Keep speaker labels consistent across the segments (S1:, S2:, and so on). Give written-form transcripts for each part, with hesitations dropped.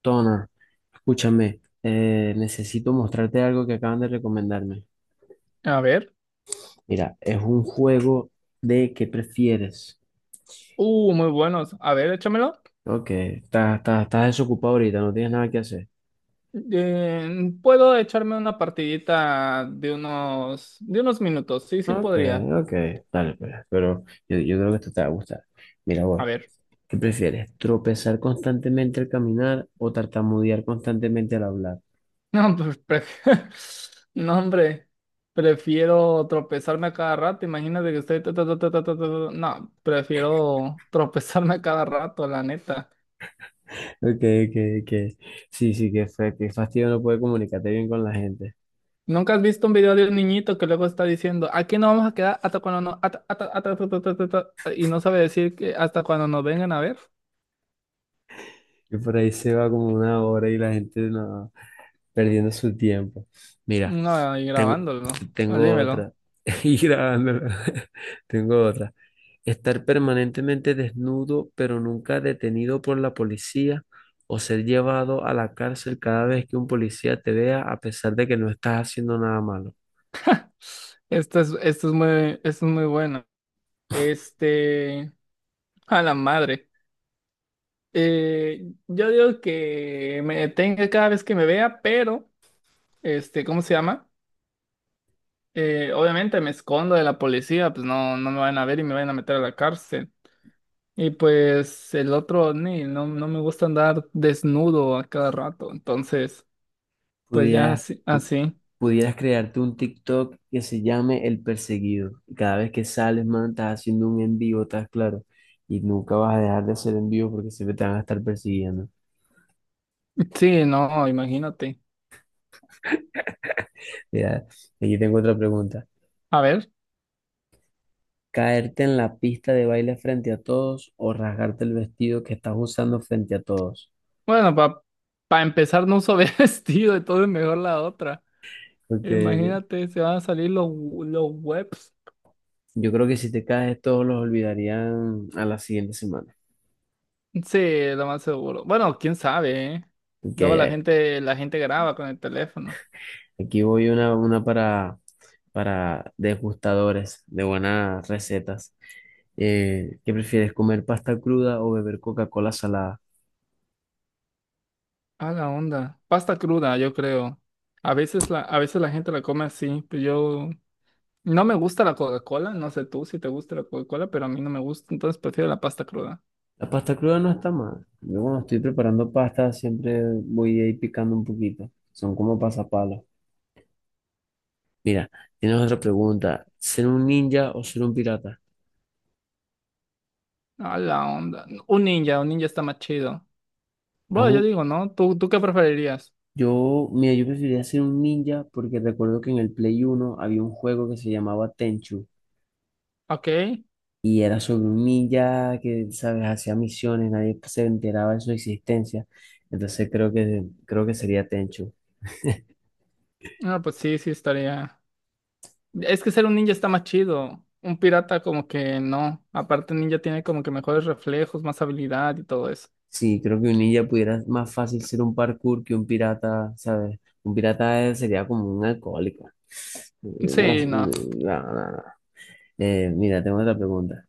S1: Toner, escúchame, necesito mostrarte algo que acaban de recomendarme.
S2: A ver.
S1: Mira, es un juego de qué prefieres.
S2: Muy buenos. A ver, échamelo.
S1: Ok, estás desocupado ahorita, no tienes nada que hacer.
S2: Puedo echarme una partidita de unos minutos. Sí, sí
S1: Ok,
S2: podría.
S1: ok, dale, pues, pero yo creo que esto te va a gustar. Mira,
S2: A
S1: voy.
S2: ver.
S1: ¿Qué prefieres? ¿Tropezar constantemente al caminar o tartamudear constantemente al hablar?
S2: No, pues, no, hombre. Prefiero tropezarme a cada rato. Imagínate que estoy. Ta, ta, ta, ta, ta, ta, ta, ta. No, prefiero tropezarme a cada rato, la neta.
S1: Ok, ok, ok. Sí, sí, qué fastidio no poder comunicarte bien con la gente.
S2: ¿Nunca has visto un video de un niñito que luego está diciendo, aquí no vamos a quedar hasta cuando no, hasta- hasta- hasta- hasta- hasta- hasta- hasta", y no sabe decir que hasta cuando nos vengan a ver?
S1: Y por ahí se va como una hora y la gente no, perdiendo su tiempo. Mira,
S2: No, y
S1: tengo,
S2: grabándolo. Pues
S1: tengo
S2: dímelo.
S1: otra. Y grabándola. Tengo otra. Estar permanentemente desnudo, pero nunca detenido por la policía, o ser llevado a la cárcel cada vez que un policía te vea, a pesar de que no estás haciendo nada malo.
S2: Esto es, esto es muy, Esto es muy bueno. Este, a la madre. Yo digo que me detenga cada vez que me vea, pero, este, ¿cómo se llama? Obviamente me escondo de la policía, pues no, no me van a ver y me van a meter a la cárcel. Y pues el otro, ni, no, no me gusta andar desnudo a cada rato. Entonces, pues ya
S1: Pudieras,
S2: así,
S1: pu-
S2: así.
S1: pudieras crearte un TikTok que se llame El Perseguido. Y cada vez que sales, man, estás haciendo un envío, estás claro. Y nunca vas a dejar de hacer envío porque siempre te van a estar persiguiendo.
S2: Sí, no, imagínate.
S1: Mira, aquí tengo otra pregunta.
S2: A ver.
S1: ¿Caerte en la pista de baile frente a todos o rasgarte el vestido que estás usando frente a todos?
S2: Bueno, para empezar no uso vestido, entonces mejor la otra.
S1: Porque
S2: Imagínate, se van a salir los webs.
S1: yo creo que si te caes, todos los olvidarían a la siguiente semana.
S2: Sí, lo más seguro. Bueno, quién sabe, ¿eh?
S1: Ok,
S2: Luego la gente graba con el teléfono.
S1: aquí voy una para degustadores de buenas recetas. ¿Qué prefieres, comer pasta cruda o beber Coca-Cola salada?
S2: Ah, la onda. Pasta cruda, yo creo. A veces la gente la come así, pero yo no me gusta la Coca-Cola, no sé tú si te gusta la Coca-Cola, pero a mí no me gusta, entonces prefiero la pasta cruda.
S1: La pasta cruda no está mal. Yo cuando estoy preparando pasta siempre voy ahí picando un poquito. Son como pasapalos. Mira, tienes otra pregunta. ¿Ser un ninja o ser un pirata?
S2: Ah, la onda. Un ninja está más chido. Bueno, yo
S1: Ajú,
S2: digo, ¿no? ¿Tú qué preferirías?
S1: mira, yo preferiría ser un ninja porque recuerdo que en el Play Uno había un juego que se llamaba Tenchu
S2: Ok.
S1: y era sobre un ninja que, sabes, hacía misiones, nadie se enteraba de su existencia. Entonces creo que sería Tenchu.
S2: No, pues sí, sí estaría. Es que ser un ninja está más chido. Un pirata como que no. Aparte, el ninja tiene como que mejores reflejos, más habilidad y todo eso.
S1: Sí, creo que un ninja pudiera más fácil ser un parkour que un pirata, ¿sabes? Un pirata sería como un alcohólico. No,
S2: Sí, no.
S1: no, no, no. Mira, tengo otra pregunta.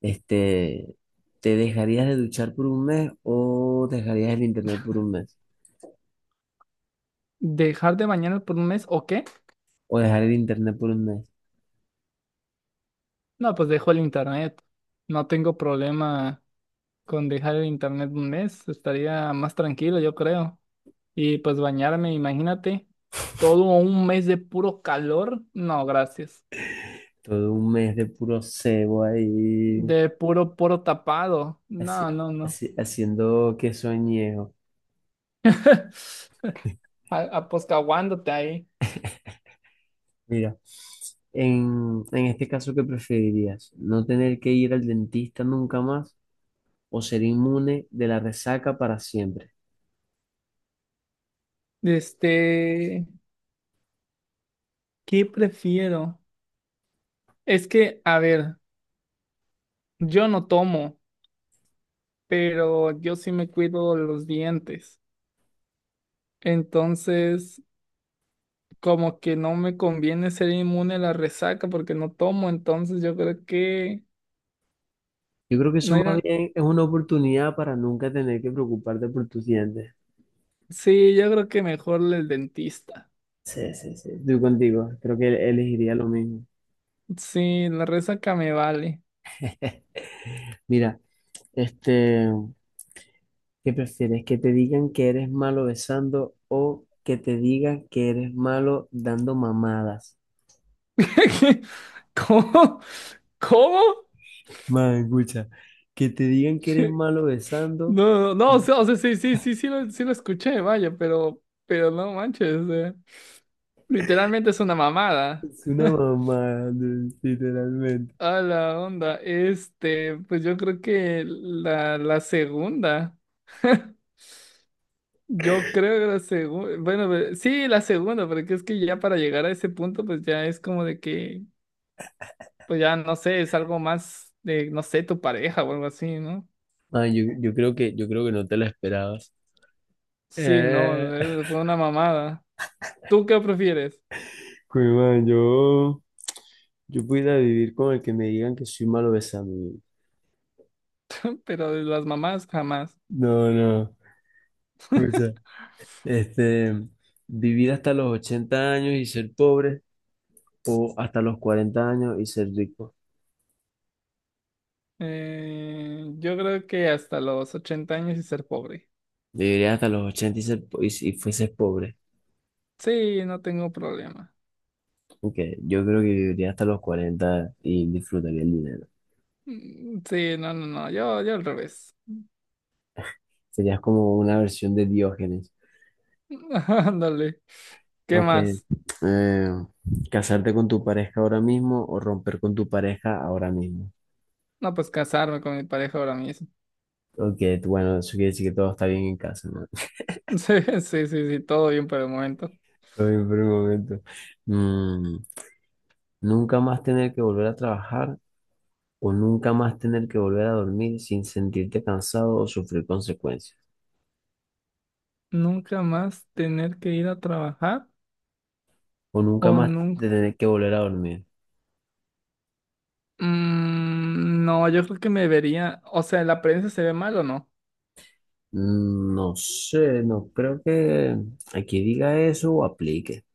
S1: Este, ¿te dejarías de duchar por un mes o dejarías el internet por un mes?
S2: ¿Dejar de bañarme por un mes o qué?
S1: O dejar el internet por un mes.
S2: No, pues dejo el internet. No tengo problema con dejar el internet un mes. Estaría más tranquilo, yo creo. Y pues bañarme, imagínate, todo un mes de puro calor. No, gracias.
S1: Todo un mes de puro cebo ahí,
S2: De puro poro tapado. No,
S1: así,
S2: no, no.
S1: haciendo que soñejo.
S2: Aposcaguándote ahí.
S1: Mira, en este caso, ¿qué preferirías? ¿No tener que ir al dentista nunca más o ser inmune de la resaca para siempre?
S2: Este, ¿qué prefiero? Es que, a ver, yo no tomo, pero yo sí me cuido los dientes. Entonces, como que no me conviene ser inmune a la resaca porque no tomo, entonces yo creo que
S1: Yo creo que
S2: no
S1: eso más
S2: era.
S1: bien es una oportunidad para nunca tener que preocuparte por tus dientes.
S2: Sí, yo creo que mejor el dentista.
S1: Sí, sí, sí, estoy contigo. Creo que elegiría lo mismo.
S2: Sí, la resaca me vale.
S1: Mira, este, ¿qué prefieres? ¿Que te digan que eres malo besando o que te digan que eres malo dando mamadas?
S2: ¿Cómo? ¿Cómo?
S1: Man, escucha, que te digan que eres malo besando
S2: No, no, no, o sea, sí, sí, sí, sí lo escuché, vaya, pero no manches, literalmente es una mamada.
S1: es una mamada, literalmente.
S2: A la onda, este, pues yo creo que la segunda, yo creo que la segunda, bueno, sí, la segunda, porque es que ya para llegar a ese punto, pues ya es como de que, pues ya no sé, es algo más de, no sé, tu pareja o algo así, ¿no?
S1: Man, yo creo que no te la esperabas.
S2: Sí, no,
S1: Eh.
S2: fue una mamada. ¿Tú qué prefieres?
S1: Pues, man, yo pudiera vivir con el que me digan que soy malo besando.
S2: Pero de las mamás jamás.
S1: No, no. Este, vivir hasta los 80 años y ser pobre o hasta los 40 años y ser rico.
S2: Yo creo que hasta los 80 años y ser pobre.
S1: Viviría hasta los 80 y si fueses pobre.
S2: Sí, no tengo problema.
S1: Aunque yo creo que viviría hasta los 40 y disfrutaría el dinero.
S2: Mm, sí, no, no, no, yo al revés.
S1: Serías como una versión de Diógenes.
S2: Ándale. ¿Qué
S1: Aunque
S2: más?
S1: eh, casarte con tu pareja ahora mismo o romper con tu pareja ahora mismo.
S2: No, pues casarme con mi pareja ahora mismo.
S1: Ok, bueno, eso quiere decir que todo está bien en casa, ¿no?
S2: Sí, sí, sí, sí, todo bien por el momento.
S1: Todo bien por el momento. Mm, Nunca más tener que volver a trabajar o nunca más tener que volver a dormir sin sentirte cansado o sufrir consecuencias.
S2: ¿Nunca más tener que ir a trabajar?
S1: O nunca
S2: ¿O
S1: más
S2: nunca?
S1: tener que volver a dormir.
S2: Mm, no, yo creo que me vería. O sea, ¿la prensa se ve mal o no?
S1: No sé, no creo que aquí diga eso o aplique.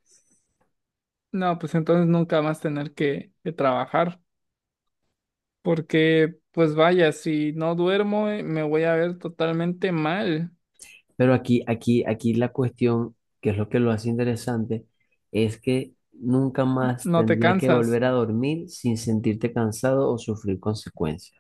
S2: No, pues entonces nunca más tener que trabajar. Porque, pues vaya, si no duermo, me voy a ver totalmente mal.
S1: Pero aquí la cuestión, que es lo que lo hace interesante, es que nunca más
S2: No te
S1: tendrías que
S2: cansas.
S1: volver a dormir sin sentirte cansado o sufrir consecuencias.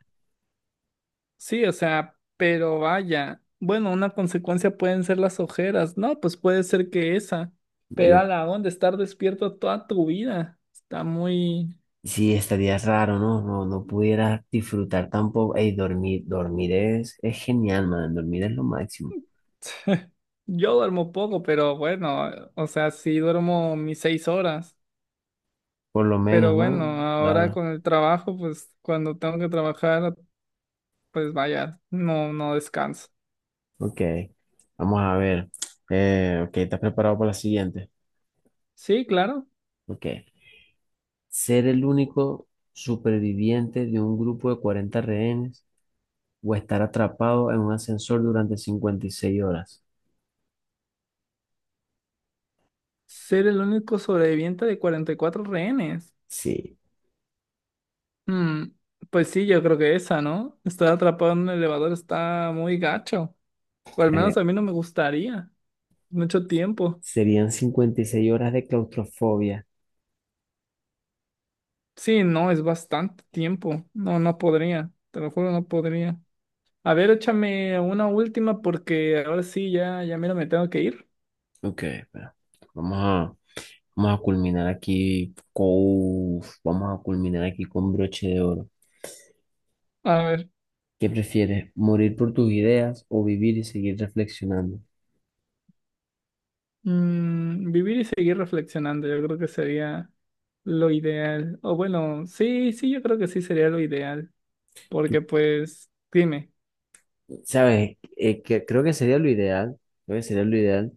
S2: Sí, o sea, pero vaya. Bueno, una consecuencia pueden ser las ojeras. No, pues puede ser que esa. Pero
S1: Yo
S2: a la onda, estar despierto toda tu vida. Está muy...
S1: Sí, estaría raro, ¿no? No, no pudiera disfrutar tampoco. Ey, dormir, dormir es genial, man. Dormir es lo máximo.
S2: Yo duermo poco, pero bueno, o sea, sí duermo mis 6 horas.
S1: Por lo menos,
S2: Pero bueno,
S1: ¿no?
S2: ahora
S1: Claro.
S2: con el trabajo, pues cuando tengo que trabajar, pues vaya, no, no descanso.
S1: Ok. Vamos a ver. Ok, ¿estás preparado para la siguiente?
S2: Sí, claro.
S1: Ok. Ser el único superviviente de un grupo de 40 rehenes o estar atrapado en un ascensor durante 56 horas.
S2: Ser el único sobreviviente de 44 rehenes.
S1: Sí.
S2: Hmm, pues sí, yo creo que esa, ¿no? Estar atrapado en un elevador está muy gacho. O al
S1: Eh,
S2: menos a mí no me gustaría. Mucho tiempo.
S1: Serían 56 horas de claustrofobia.
S2: Sí, no, es bastante tiempo. No, no podría. Te lo juro, no podría. A ver, échame una última porque ahora sí, ya, ya mira, me tengo que ir.
S1: Ok, espera. Vamos a... Vamos a culminar aquí con broche de oro.
S2: A ver,
S1: ¿Qué prefieres, morir por tus ideas o vivir y seguir reflexionando?
S2: vivir y seguir reflexionando, yo creo que sería lo ideal. O bueno, sí, sí, yo creo que sí sería lo ideal.
S1: Tú
S2: Porque pues, dime,
S1: sabes, que creo que sería lo ideal, creo que sería lo ideal,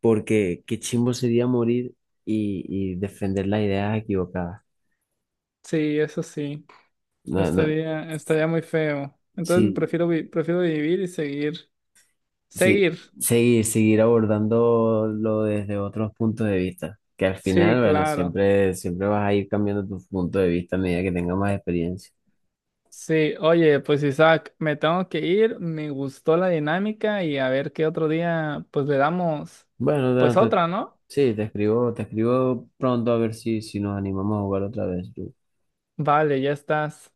S1: porque qué chimbo sería morir y defender las ideas equivocadas.
S2: sí, eso sí,
S1: No, no,
S2: estaría muy feo. Entonces
S1: sí,
S2: prefiero vivir y seguir.
S1: sí,
S2: Seguir.
S1: seguir abordándolo desde otros puntos de vista, que al final,
S2: Sí,
S1: bueno,
S2: claro.
S1: siempre, siempre vas a ir cambiando tu punto de vista a medida que tengas más experiencia.
S2: Sí, oye, pues Isaac, me tengo que ir, me gustó la dinámica y a ver qué otro día, pues le damos,
S1: Bueno,
S2: pues
S1: Dana,
S2: otra, ¿no?
S1: sí, te escribo pronto a ver si nos animamos a jugar otra vez.
S2: Vale, ya estás.